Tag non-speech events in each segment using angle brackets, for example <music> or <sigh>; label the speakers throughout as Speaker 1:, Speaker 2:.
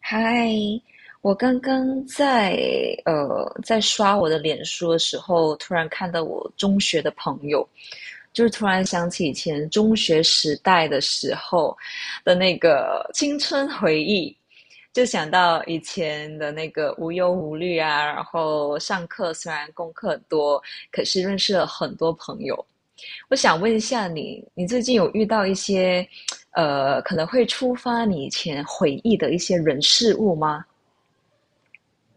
Speaker 1: 嗨，我刚刚在刷我的脸书的时候，突然看到我中学的朋友，就是突然想起以前中学时代的时候的那个青春回忆，就想到以前的那个无忧无虑啊，然后上课虽然功课很多，可是认识了很多朋友。我想问一下你，你最近有遇到一些，可能会触发你以前回忆的一些人事物吗？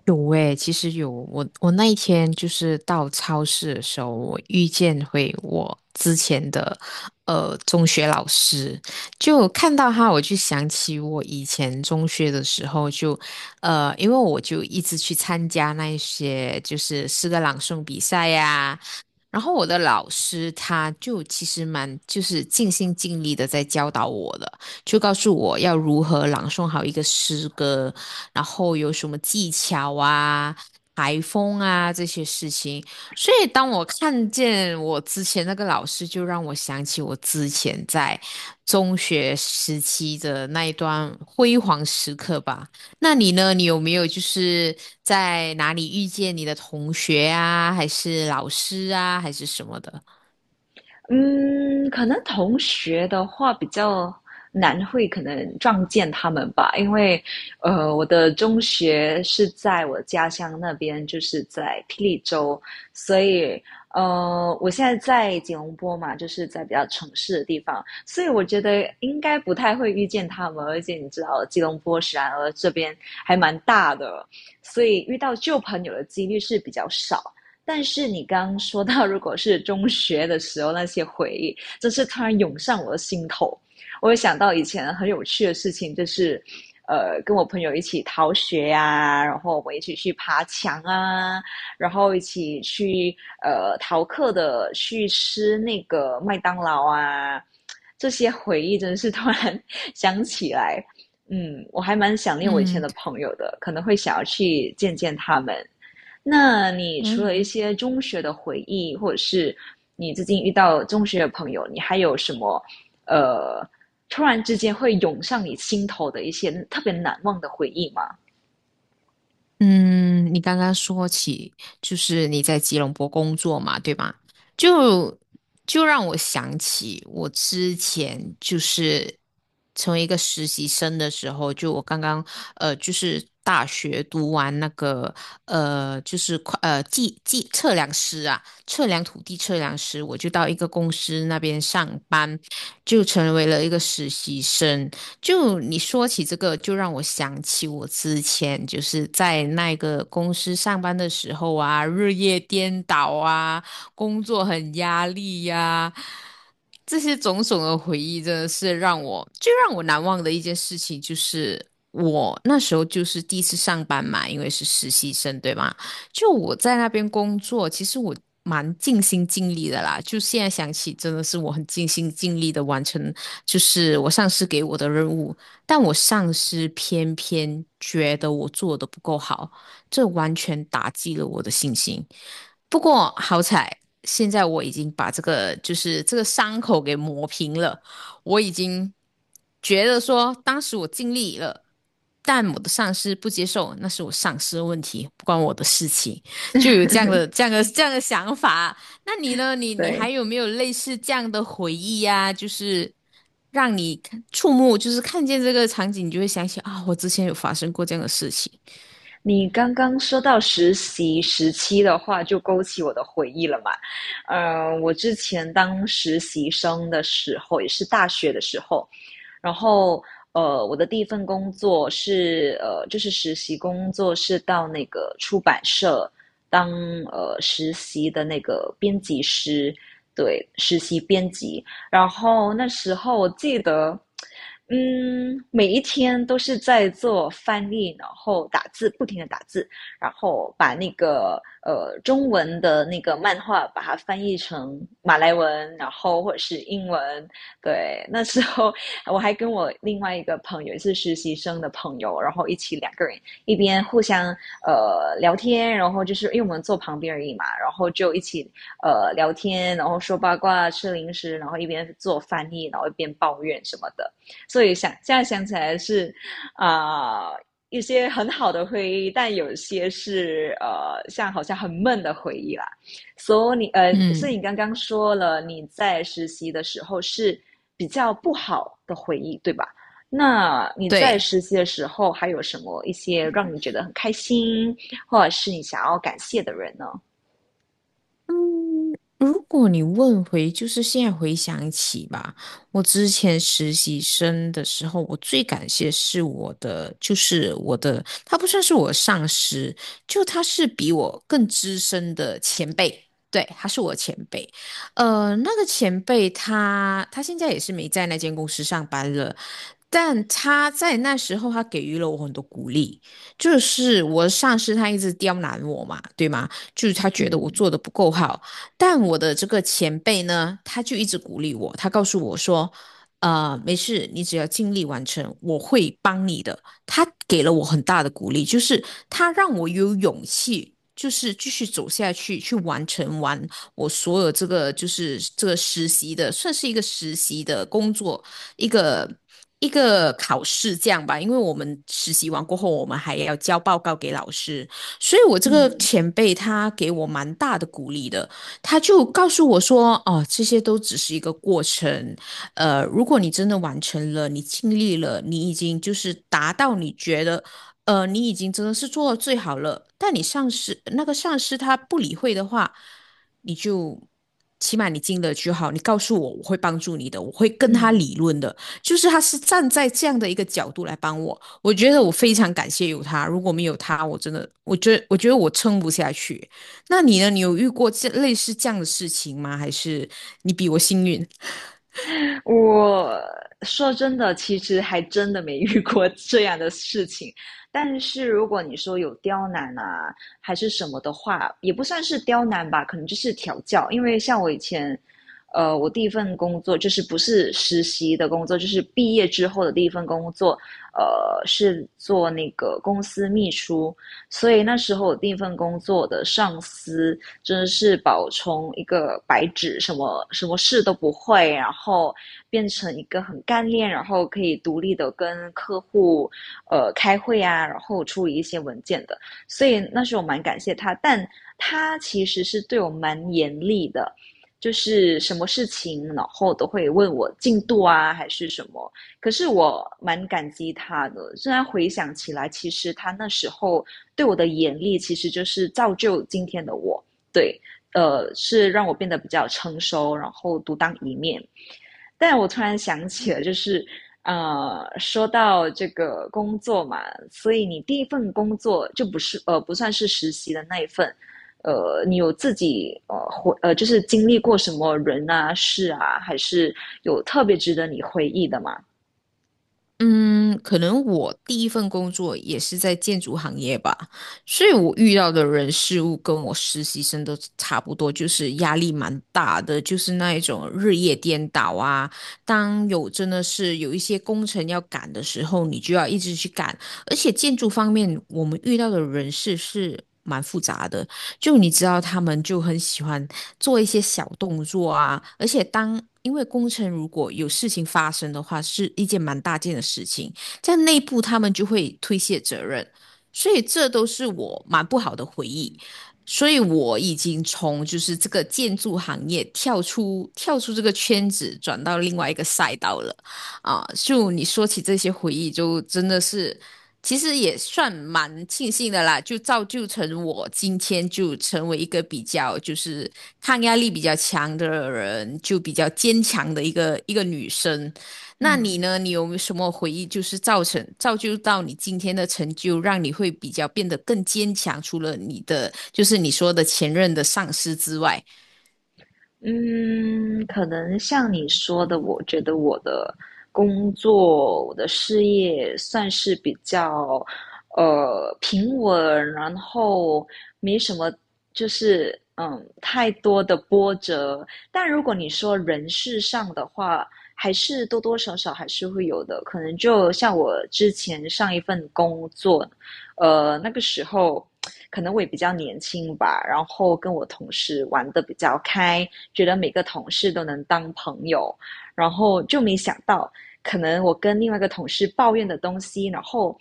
Speaker 2: 有诶，其实有我，我那一天就是到超市的时候，我遇见回我之前的中学老师，就看到他，我就想起我以前中学的时候就，因为我就一直去参加那一些就是诗歌朗诵比赛呀、然后我的老师他就其实蛮就是尽心尽力的在教导我的，就告诉我要如何朗诵好一个诗歌，然后有什么技巧啊、台风啊这些事情。所以当我看见我之前那个老师，就让我想起我之前在中学时期的那一段辉煌时刻吧。那你呢？你有没有就是在哪里遇见你的同学啊，还是老师啊，还是什么的？
Speaker 1: 嗯，可能同学的话比较难会可能撞见他们吧。因为我的中学是在我家乡那边，就是在霹雳州，所以我现在在吉隆坡嘛，就是在比较城市的地方，所以我觉得应该不太会遇见他们。而且你知道吉隆坡然而这边还蛮大的，所以遇到旧朋友的几率是比较少。但是你刚刚说到，如果是中学的时候那些回忆，真是突然涌上我的心头。我有想到以前很有趣的事情，就是跟我朋友一起逃学呀、然后我们一起去爬墙啊，然后一起去逃课的去吃那个麦当劳啊，这些回忆真是突然 <laughs> 想起来。嗯，我还蛮想念我以前
Speaker 2: 嗯
Speaker 1: 的朋友的，可能会想要去见见他们。那你除了一
Speaker 2: 嗯，
Speaker 1: 些中学的回忆，或者是你最近遇到中学的朋友，你还有什么呃，突然之间会涌上你心头的一些特别难忘的回忆吗？
Speaker 2: 嗯，你刚刚说起就是你在吉隆坡工作嘛，对吗？就就让我想起我之前就是成为一个实习生的时候，就我刚刚就是大学读完那个就是会呃计计测量师啊，测量土地测量师，我就到一个公司那边上班，就成为了一个实习生。就你说起这个，就让我想起我之前就是在那个公司上班的时候啊，日夜颠倒啊，工作很压力呀、这些种种的回忆真的是让我难忘的一件事情，就是我那时候就是第一次上班嘛，因为是实习生，对吗？就我在那边工作，其实我蛮尽心尽力的啦。就现在想起，真的是我很尽心尽力的完成，就是我上司给我的任务。但我上司偏偏觉得我做的不够好，这完全打击了我的信心。不过好彩，现在我已经把这个伤口给磨平了。我已经觉得说，当时我尽力了，但我的上司不接受，那是我上司的问题，不关我的事情，就有这样的、这样的、这样的想法。那你呢？你还
Speaker 1: 对，
Speaker 2: 有没有类似这样的回忆呀、就是让你看触目，就是看见这个场景，你就会想起啊，我之前有发生过这样的事情。
Speaker 1: 你刚刚说到实习时期的话，就勾起我的回忆了嘛。我之前当实习生的时候，也是大学的时候，然后我的第一份工作是就是实习工作，是到那个出版社当实习的那个编辑师。对，实习编辑。然后那时候我记得，嗯，每一天都是在做翻译，然后打字，不停的打字，然后把那个中文的那个漫画把它翻译成马来文，然后或者是英文。对，那时候我还跟我另外一个朋友，也是实习生的朋友，然后一起两个人一边互相聊天。然后就是因为我们坐旁边而已嘛，然后就一起聊天，然后说八卦、吃零食，然后一边做翻译，然后一边抱怨什么的。所以想现在想起来是啊、呃一些很好的回忆，但有些是像好像很闷的回忆啦。所以你是
Speaker 2: 嗯，
Speaker 1: 你刚刚说了你在实习的时候是比较不好的回忆，对吧？那你在
Speaker 2: 对。
Speaker 1: 实习的时候还有什么一些让你觉得很开心，或者是你想要感谢的人呢？
Speaker 2: 嗯，如果你问回，就是现在回想起吧，我之前实习生的时候，我最感谢是我的，就是我的，他不算是我的上司，就他是比我更资深的前辈，对，他是我前辈。那个前辈他现在也是没在那间公司上班了，但他在那时候他给予了我很多鼓励，就是我的上司他一直刁难我嘛，对吗？就是他觉得我
Speaker 1: 嗯
Speaker 2: 做的不够好。但我的这个前辈呢，他就一直鼓励我，他告诉我说，没事，你只要尽力完成，我会帮你的。他给了我很大的鼓励，就是他让我有勇气。就是继续走下去，去完成我所有这个实习的，算是一个实习的工作，一个一个考试这样吧。因为我们实习完过后，我们还要交报告给老师，所以我这个
Speaker 1: 嗯
Speaker 2: 前辈他给我蛮大的鼓励的，他就告诉我说，哦，这些都只是一个过程，如果你真的完成了，你尽力了，你已经就是达到你觉得，你已经真的是做到最好了，但你上司那个上司他不理会的话，你就。起码你尽了就好，你告诉我，我会帮助你的，我会跟他
Speaker 1: 嗯，
Speaker 2: 理论的，就是他是站在这样的一个角度来帮我，我觉得我非常感谢有他，如果没有他，我真的，我觉得我撑不下去。那你呢？你有遇过这类似这样的事情吗？还是你比我幸运？
Speaker 1: 我说真的，其实还真的没遇过这样的事情。但是如果你说有刁难啊，还是什么的话，也不算是刁难吧，可能就是调教。因为像我以前，我第一份工作就是不是实习的工作，就是毕业之后的第一份工作，是做那个公司秘书。所以那时候我第一份工作的上司，真的是宝从一个白纸，什么什么事都不会，然后变成一个很干练，然后可以独立的跟客户开会啊，然后处理一些文件的。所以那时候蛮感谢他，但他其实是对我蛮严厉的。就是什么事情，然后都会问我进度啊，还是什么。可是我蛮感激他的，虽然回想起来，其实他那时候对我的严厉，其实就是造就今天的我。对，是让我变得比较成熟，然后独当一面。但我突然想起了，就是说到这个工作嘛，所以你第一份工作就不算是实习的那一份。你有自己呃回呃就是经历过什么人啊事啊，还是有特别值得你回忆的吗？
Speaker 2: 嗯，可能我第一份工作也是在建筑行业吧，所以我遇到的人事物跟我实习生都差不多，就是压力蛮大的，就是那一种日夜颠倒啊。当有真的是有一些工程要赶的时候，你就要一直去赶，而且建筑方面我们遇到的人事是蛮复杂的，就你知道，他们就很喜欢做一些小动作啊，而且当因为工程如果有事情发生的话，是一件蛮大件的事情，在内部他们就会推卸责任，所以这都是我蛮不好的回忆。所以我已经从就是这个建筑行业跳出这个圈子，转到另外一个赛道了啊！就你说起这些回忆，就真的是其实也算蛮庆幸的啦，就造就我今天就成为一个比较就是抗压力比较强的人，就比较坚强的一个女生。那你
Speaker 1: 嗯
Speaker 2: 呢？你有没有什么回忆，就是造就到你今天的成就，让你会比较变得更坚强？除了你的就是你说的前任的上司之外，
Speaker 1: 嗯，可能像你说的，我觉得我的工作、我的事业算是比较平稳，然后没什么，就是嗯太多的波折。但如果你说人事上的话，还是多多少少还是会有的。可能就像我之前上一份工作，那个时候。可能我也比较年轻吧，然后跟我同事玩的比较开，觉得每个同事都能当朋友，然后就没想到，可能我跟另外一个同事抱怨的东西，然后，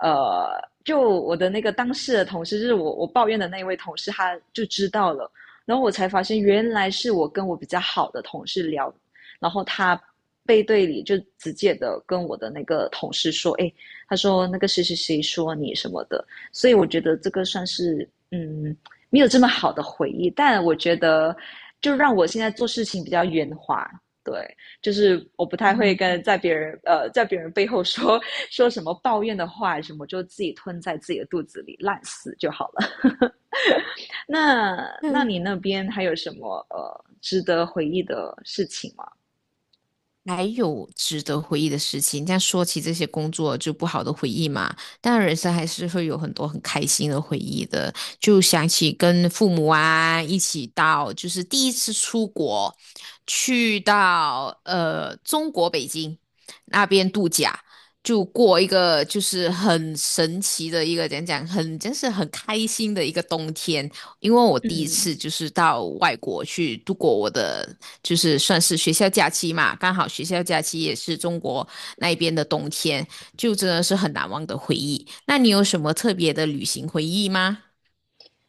Speaker 1: 呃，就我的那个当事的同事，就是我抱怨的那位同事，他就知道了。然后我才发现原来是我跟我比较好的同事聊，然后他。背对里就直接的跟我的那个同事说，哎，他说那个谁谁谁说你什么的。所以我觉得这个算是嗯没有这么好的回忆，但我觉得就让我现在做事情比较圆滑。对，就是我不太会跟在别人背后说说什么抱怨的话什么，就自己吞在自己的肚子里烂死就好了。<laughs> 那那
Speaker 2: 嗯，
Speaker 1: 你那边还有什么值得回忆的事情吗？
Speaker 2: 还有值得回忆的事情。但说起这些工作就不好的回忆嘛，但人生还是会有很多很开心的回忆的。就想起跟父母啊一起到，就是第一次出国，去到中国北京那边度假。就过一个就是很神奇的一个，讲讲很，真是很开心的一个冬天。因为我第一
Speaker 1: 嗯，
Speaker 2: 次就是到外国去度过我的，就是算是学校假期嘛，刚好学校假期也是中国那边的冬天，就真的是很难忘的回忆。那你有什么特别的旅行回忆吗？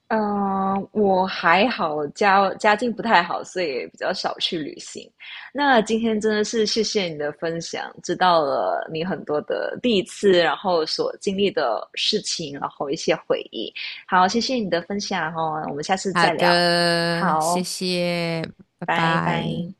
Speaker 1: 嗯，我还好，家家境不太好，所以也比较少去旅行。那今天真的是谢谢你的分享，知道了你很多的第一次，然后所经历的事情，然后一些回忆。好，谢谢你的分享哦，我们下次
Speaker 2: 好
Speaker 1: 再聊。
Speaker 2: 的，
Speaker 1: 好，
Speaker 2: 谢谢，拜
Speaker 1: 拜
Speaker 2: 拜。
Speaker 1: 拜。